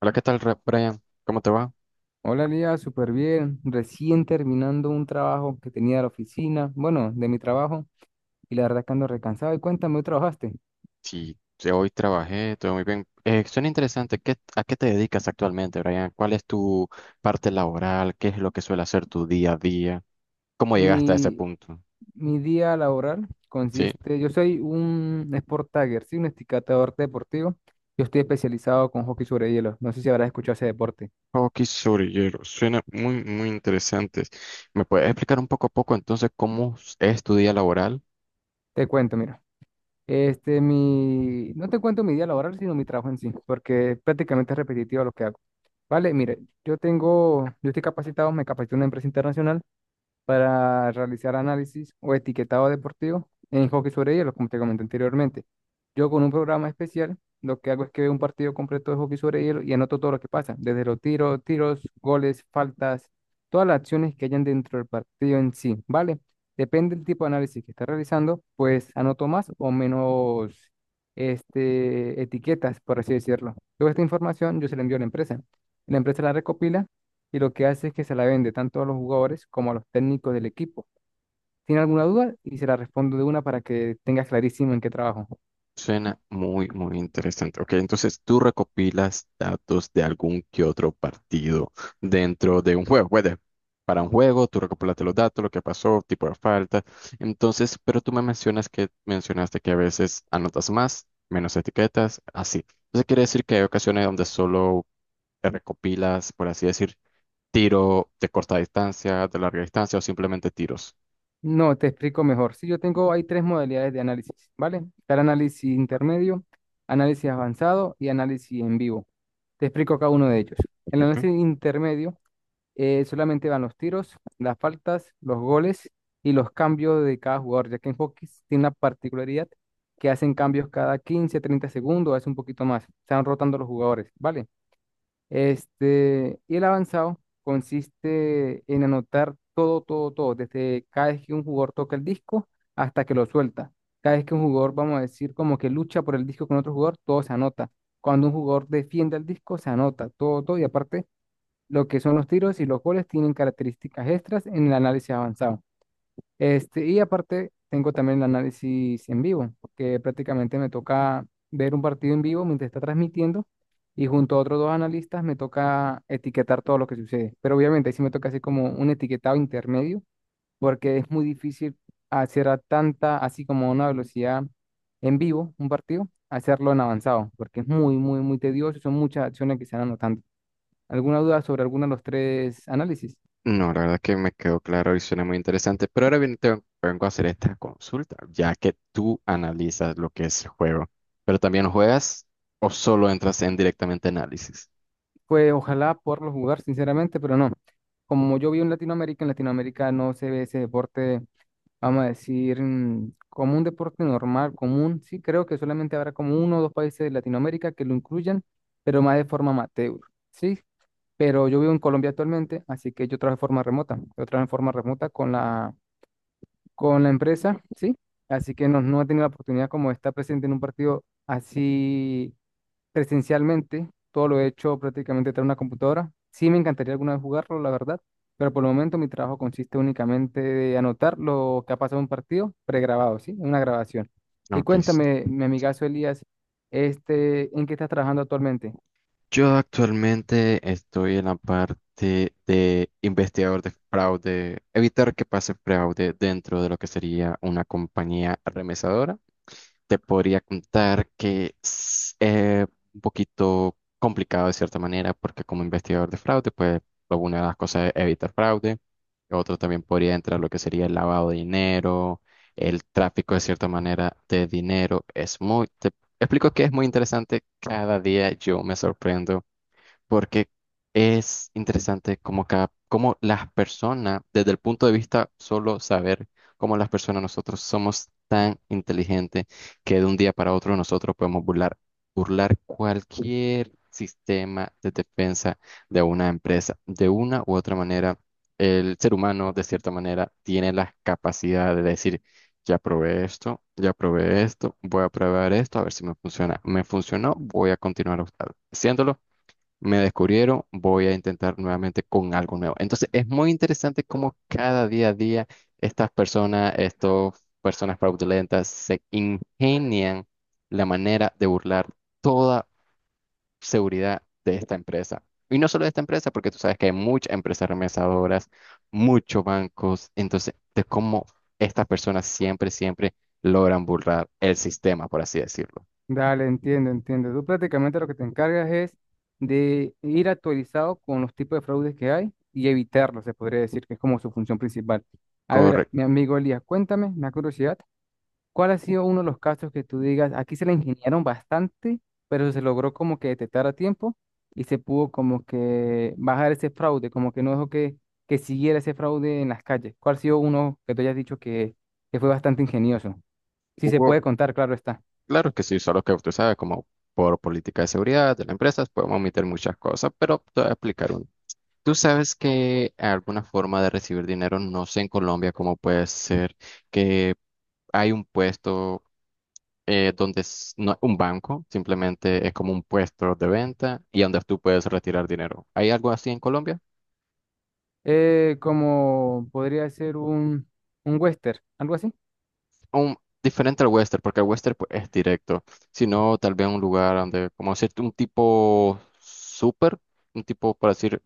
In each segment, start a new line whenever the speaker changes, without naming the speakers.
Hola, ¿qué tal, Brian? ¿Cómo te va?
Hola Lía, súper bien. Recién terminando un trabajo que tenía de la oficina, bueno, de mi trabajo, y la verdad que ando recansado. Y cuéntame, ¿hoy trabajaste?
Sí, sí, hoy trabajé, todo muy bien. Suena interesante. ¿A qué te dedicas actualmente, Brian? ¿Cuál es tu parte laboral? ¿Qué es lo que suele hacer tu día a día? ¿Cómo llegaste a ese
Mi,
punto?
mi día laboral
Sí.
consiste, yo soy un sport tagger, sí, un esticatador deportivo. Yo estoy especializado con hockey sobre hielo. No sé si habrás escuchado ese deporte.
Hockey sobre hielo. Suena muy, muy interesante. ¿Me puedes explicar un poco a poco entonces cómo es tu día laboral?
Te cuento, mira. Mi, no te cuento mi día laboral, sino mi trabajo en sí, porque prácticamente es repetitivo lo que hago. Vale, mire, yo tengo, yo estoy capacitado, me capacité en una empresa internacional para realizar análisis o etiquetado deportivo en hockey sobre hielo, como te comenté anteriormente. Yo con un programa especial, lo que hago es que veo un partido completo de hockey sobre hielo y anoto todo lo que pasa, desde los tiros, goles, faltas, todas las acciones que hayan dentro del partido en sí, ¿vale? Depende del tipo de análisis que esté realizando, pues anoto más o menos etiquetas, por así decirlo. Toda esta información yo se la envío a la empresa. La empresa la recopila y lo que hace es que se la vende tanto a los jugadores como a los técnicos del equipo. ¿Tiene alguna duda? Y se la respondo de una para que tengas clarísimo en qué trabajo.
Suena muy, muy interesante. Ok, entonces tú recopilas datos de algún que otro partido dentro de un juego. Para un juego, tú recopilaste los datos, lo que pasó, tipo de falta. Entonces, pero tú me mencionas que mencionaste que a veces anotas más, menos etiquetas, así. Entonces quiere decir que hay ocasiones donde solo te recopilas, por así decir, tiro de corta distancia, de larga distancia o simplemente tiros.
No, te explico mejor. Sí, yo tengo, hay tres modalidades de análisis, ¿vale? Está el análisis intermedio, análisis avanzado y análisis en vivo. Te explico cada uno de ellos. El
Ok.
análisis intermedio solamente van los tiros, las faltas, los goles y los cambios de cada jugador, ya que en hockey tiene una particularidad que hacen cambios cada 15, 30 segundos, hace un poquito más, se van rotando los jugadores, ¿vale? Y el avanzado consiste en anotar todo, todo, todo, desde cada vez que un jugador toca el disco hasta que lo suelta. Cada vez que un jugador, vamos a decir, como que lucha por el disco con otro jugador, todo se anota. Cuando un jugador defiende el disco, se anota todo, todo, y aparte lo que son los tiros y los goles tienen características extras en el análisis avanzado. Y aparte, tengo también el análisis en vivo, que prácticamente me toca ver un partido en vivo mientras está transmitiendo y junto a otros dos analistas me toca etiquetar todo lo que sucede. Pero obviamente ahí sí me toca hacer como un etiquetado intermedio, porque es muy difícil hacer a tanta, así como a una velocidad en vivo, un partido, hacerlo en avanzado, porque es muy, muy, muy tedioso, son muchas acciones que se van anotando. ¿Alguna duda sobre alguno de los tres análisis?
No, la verdad que me quedó claro y suena muy interesante, pero ahora bien te vengo a hacer esta consulta, ya que tú analizas lo que es el juego, pero también juegas o solo entras en directamente análisis.
Pues ojalá poderlo jugar, sinceramente, pero no. Como yo vi en Latinoamérica no se ve ese deporte, vamos a decir, como un deporte normal, común. Sí, creo que solamente habrá como uno o dos países de Latinoamérica que lo incluyan, pero más de forma amateur. Sí, pero yo vivo en Colombia actualmente, así que yo trabajo de forma remota. Yo trabajo en forma remota con la empresa, sí. Así que no, no he tenido la oportunidad como de estar presente en un partido así presencialmente, todo lo he hecho prácticamente tras una computadora. Sí me encantaría alguna vez jugarlo, la verdad, pero por el momento mi trabajo consiste únicamente de anotar lo que ha pasado en un partido pregrabado, ¿sí? En una grabación. Y
Ok,
cuéntame, mi amigazo Elías, ¿en qué estás trabajando actualmente?
yo actualmente estoy en la parte de investigador de fraude, evitar que pase fraude dentro de lo que sería una compañía remesadora. Te podría contar que es un poquito complicado de cierta manera, porque como investigador de fraude, pues una de las cosas es evitar fraude. Otro también podría entrar lo que sería el lavado de dinero, el tráfico de cierta manera de dinero. Es muy, explico que es muy interesante. Cada día yo me sorprendo porque es interesante como cada, cómo las personas, desde el punto de vista solo saber cómo las personas nosotros somos tan inteligentes que de un día para otro nosotros podemos burlar, burlar cualquier sistema de defensa de una empresa. De una u otra manera, el ser humano, de cierta manera, tiene la capacidad de decir, ya probé esto, voy a probar esto, a ver si me funciona. Me funcionó, voy a continuar haciéndolo, me descubrieron, voy a intentar nuevamente con algo nuevo. Entonces, es muy interesante cómo cada día a día estas personas fraudulentas, se ingenian la manera de burlar toda seguridad de esta empresa. Y no solo de esta empresa, porque tú sabes que hay muchas empresas remesadoras, muchos bancos. Entonces, de cómo estas personas siempre, siempre logran burlar el sistema, por así decirlo.
Dale, entiendo, entiendo. Tú prácticamente lo que te encargas es de ir actualizado con los tipos de fraudes que hay y evitarlos, se podría decir que es como su función principal. A ver, mi
Correcto.
amigo Elías, cuéntame, me da curiosidad, ¿cuál ha sido uno de los casos que tú digas, aquí se la ingeniaron bastante, pero se logró como que detectar a tiempo y se pudo como que bajar ese fraude, como que no dejó que siguiera ese fraude en las calles? ¿Cuál ha sido uno que tú hayas dicho que fue bastante ingenioso? Si se puede
Hugo,
contar, claro está.
claro que sí, solo que usted sabe, como por política de seguridad de las empresas, podemos omitir muchas cosas, pero te voy a explicar uno. Tú sabes que alguna forma de recibir dinero, no sé en Colombia cómo puede ser que hay un puesto, donde no es un banco, simplemente es como un puesto de venta y donde tú puedes retirar dinero. ¿Hay algo así en Colombia?
¿Como podría ser un western, algo así?
un- Diferente al western, porque el western pues, es directo, sino tal vez un lugar donde, como decir un tipo súper, un tipo, para decir,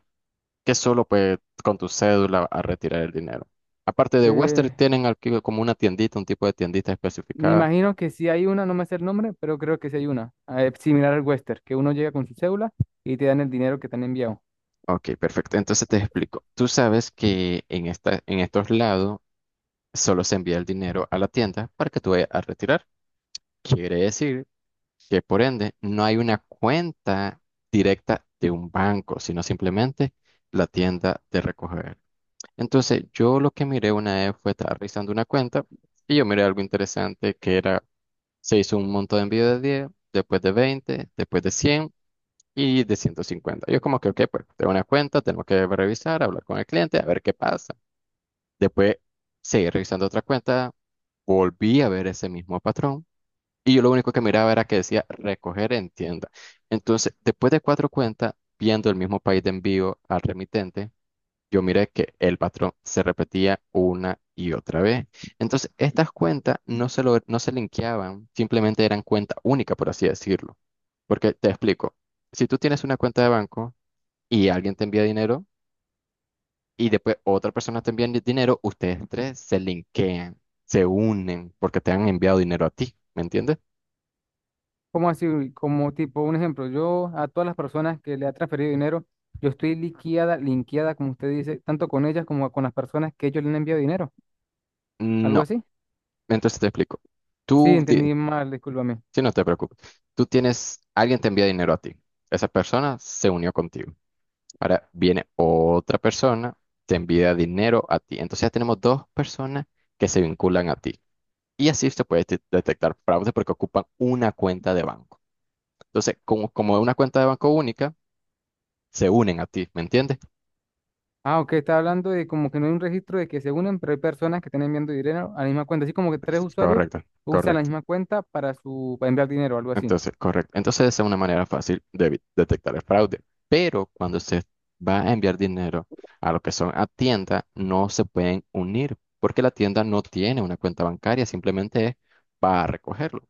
que solo pues con tu cédula a retirar el dinero. Aparte de Western,
Eh,
tienen aquí como una tiendita, un tipo de tiendita
me
especificada.
imagino que sí hay una, no me sé el nombre, pero creo que sí hay una, similar al western, que uno llega con su cédula y te dan el dinero que te han enviado.
Ok, perfecto. Entonces te explico. Tú sabes que en esta, en estos lados solo se envía el dinero a la tienda para que tú vayas a retirar. Quiere decir que por ende no hay una cuenta directa de un banco, sino simplemente la tienda de recoger. Entonces, yo lo que miré una vez fue estar revisando una cuenta y yo miré algo interesante que era, se hizo un monto de envío de 10, después de 20, después de 100 y de 150. Yo como que, ok, pues tengo una cuenta, tengo que revisar, hablar con el cliente, a ver qué pasa. Después seguí revisando otra cuenta, volví a ver ese mismo patrón y yo lo único que miraba era que decía recoger en tienda. Entonces, después de cuatro cuentas, viendo el mismo país de envío al remitente, yo miré que el patrón se repetía una y otra vez. Entonces, estas cuentas no se, lo, no se linkeaban, simplemente eran cuenta única, por así decirlo. Porque te explico, si tú tienes una cuenta de banco y alguien te envía dinero, y después otra persona te envía dinero, ustedes tres se linkean, se unen porque te han enviado dinero a ti, ¿me entiendes?
¿Como así? Como tipo, un ejemplo, yo a todas las personas que le ha transferido dinero, yo estoy liqueada, linkeada, como usted dice, tanto con ellas como con las personas que ellos le han enviado dinero. ¿Algo
No,
así?
entonces te explico.
Sí,
Tú, di-
entendí mal, discúlpame.
sí, no te preocupes, tú tienes, alguien te envía dinero a ti, esa persona se unió contigo. Ahora viene otra persona, te envía dinero a ti. Entonces ya tenemos dos personas que se vinculan a ti. Y así se puede detectar fraude porque ocupan una cuenta de banco. Entonces, como es una cuenta de banco única, se unen a ti, ¿me entiendes?
Ah, ok, está hablando de como que no hay un registro de que se unen, pero hay personas que están enviando dinero a la misma cuenta. Así como que tres usuarios
Correcto,
usan la
correcto.
misma cuenta para su, para enviar dinero, algo así.
Entonces, correcto. Entonces, esa es una manera fácil de detectar el fraude. Pero cuando se va a enviar dinero a lo que son a tienda, no se pueden unir porque la tienda no tiene una cuenta bancaria, simplemente es para recogerlo.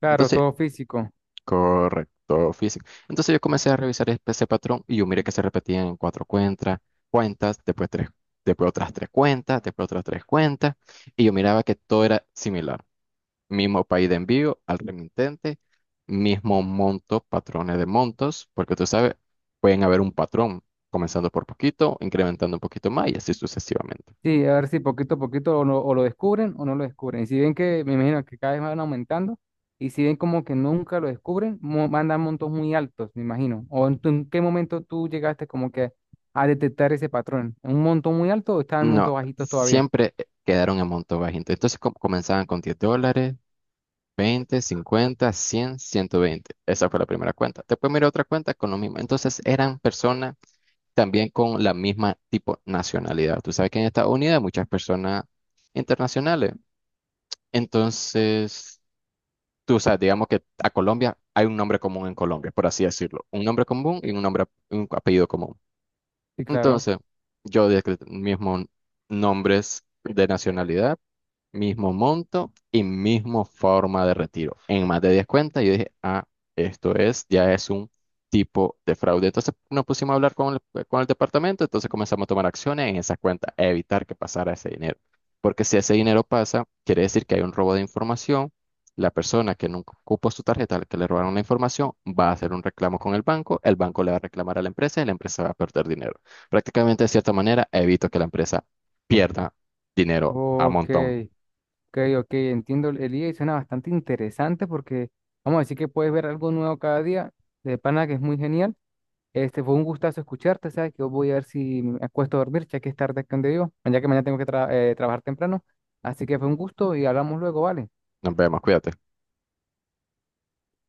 Claro,
Entonces,
todo físico.
correcto, físico. Entonces yo comencé a revisar ese patrón y yo miré que se repetían en cuatro cuentas, después tres, después otras tres cuentas, después otras tres cuentas, y yo miraba que todo era similar. Mismo país de envío al remitente, mismo monto, patrones de montos, porque tú sabes, pueden haber un patrón comenzando por poquito, incrementando un poquito más y así sucesivamente.
Sí, a ver si poquito a poquito o, no- o lo descubren o no lo descubren. Y si ven que, me imagino que cada vez van aumentando, y si ven como que nunca lo descubren, mo- mandan montos muy altos, me imagino. ¿O en, tu- en qué momento tú llegaste como que a detectar ese patrón? ¿Un monto muy alto o estaban montos
No,
bajitos todavía?
siempre quedaron en monto bajito. Entonces comenzaban con $10. 20, 50, 100, 120. Esa fue la primera cuenta. Después miré otra cuenta con lo mismo. Entonces eran personas también con la misma tipo nacionalidad. Tú sabes que en Estados Unidos hay muchas personas internacionales. Entonces, tú sabes, digamos que a Colombia hay un nombre común en Colombia, por así decirlo. Un nombre común y un nombre, un apellido común.
Sí, claro.
Entonces, yo de mismo nombres de nacionalidad, mismo monto y mismo forma de retiro. En más de 10 cuentas, yo dije, ah, esto es, ya es un tipo de fraude. Entonces nos pusimos a hablar con el departamento, entonces comenzamos a tomar acciones en esas cuentas, a evitar que pasara ese dinero. Porque si ese dinero pasa, quiere decir que hay un robo de información. La persona que nunca ocupó su tarjeta, que le robaron la información, va a hacer un reclamo con el banco le va a reclamar a la empresa y la empresa va a perder dinero. Prácticamente, de cierta manera, evito que la empresa pierda dinero a
Ok,
montón.
ok, ok, entiendo el día y suena bastante interesante porque vamos a decir que puedes ver algo nuevo cada día, de pana que es muy genial. Este fue un gustazo escucharte, ¿sabes? Que yo voy a ver si me acuesto a dormir, ya que es tarde aquí donde vivo, ya que mañana tengo que trabajar temprano. Así que fue un gusto y hablamos luego, ¿vale?
Nos vemos, cuídate.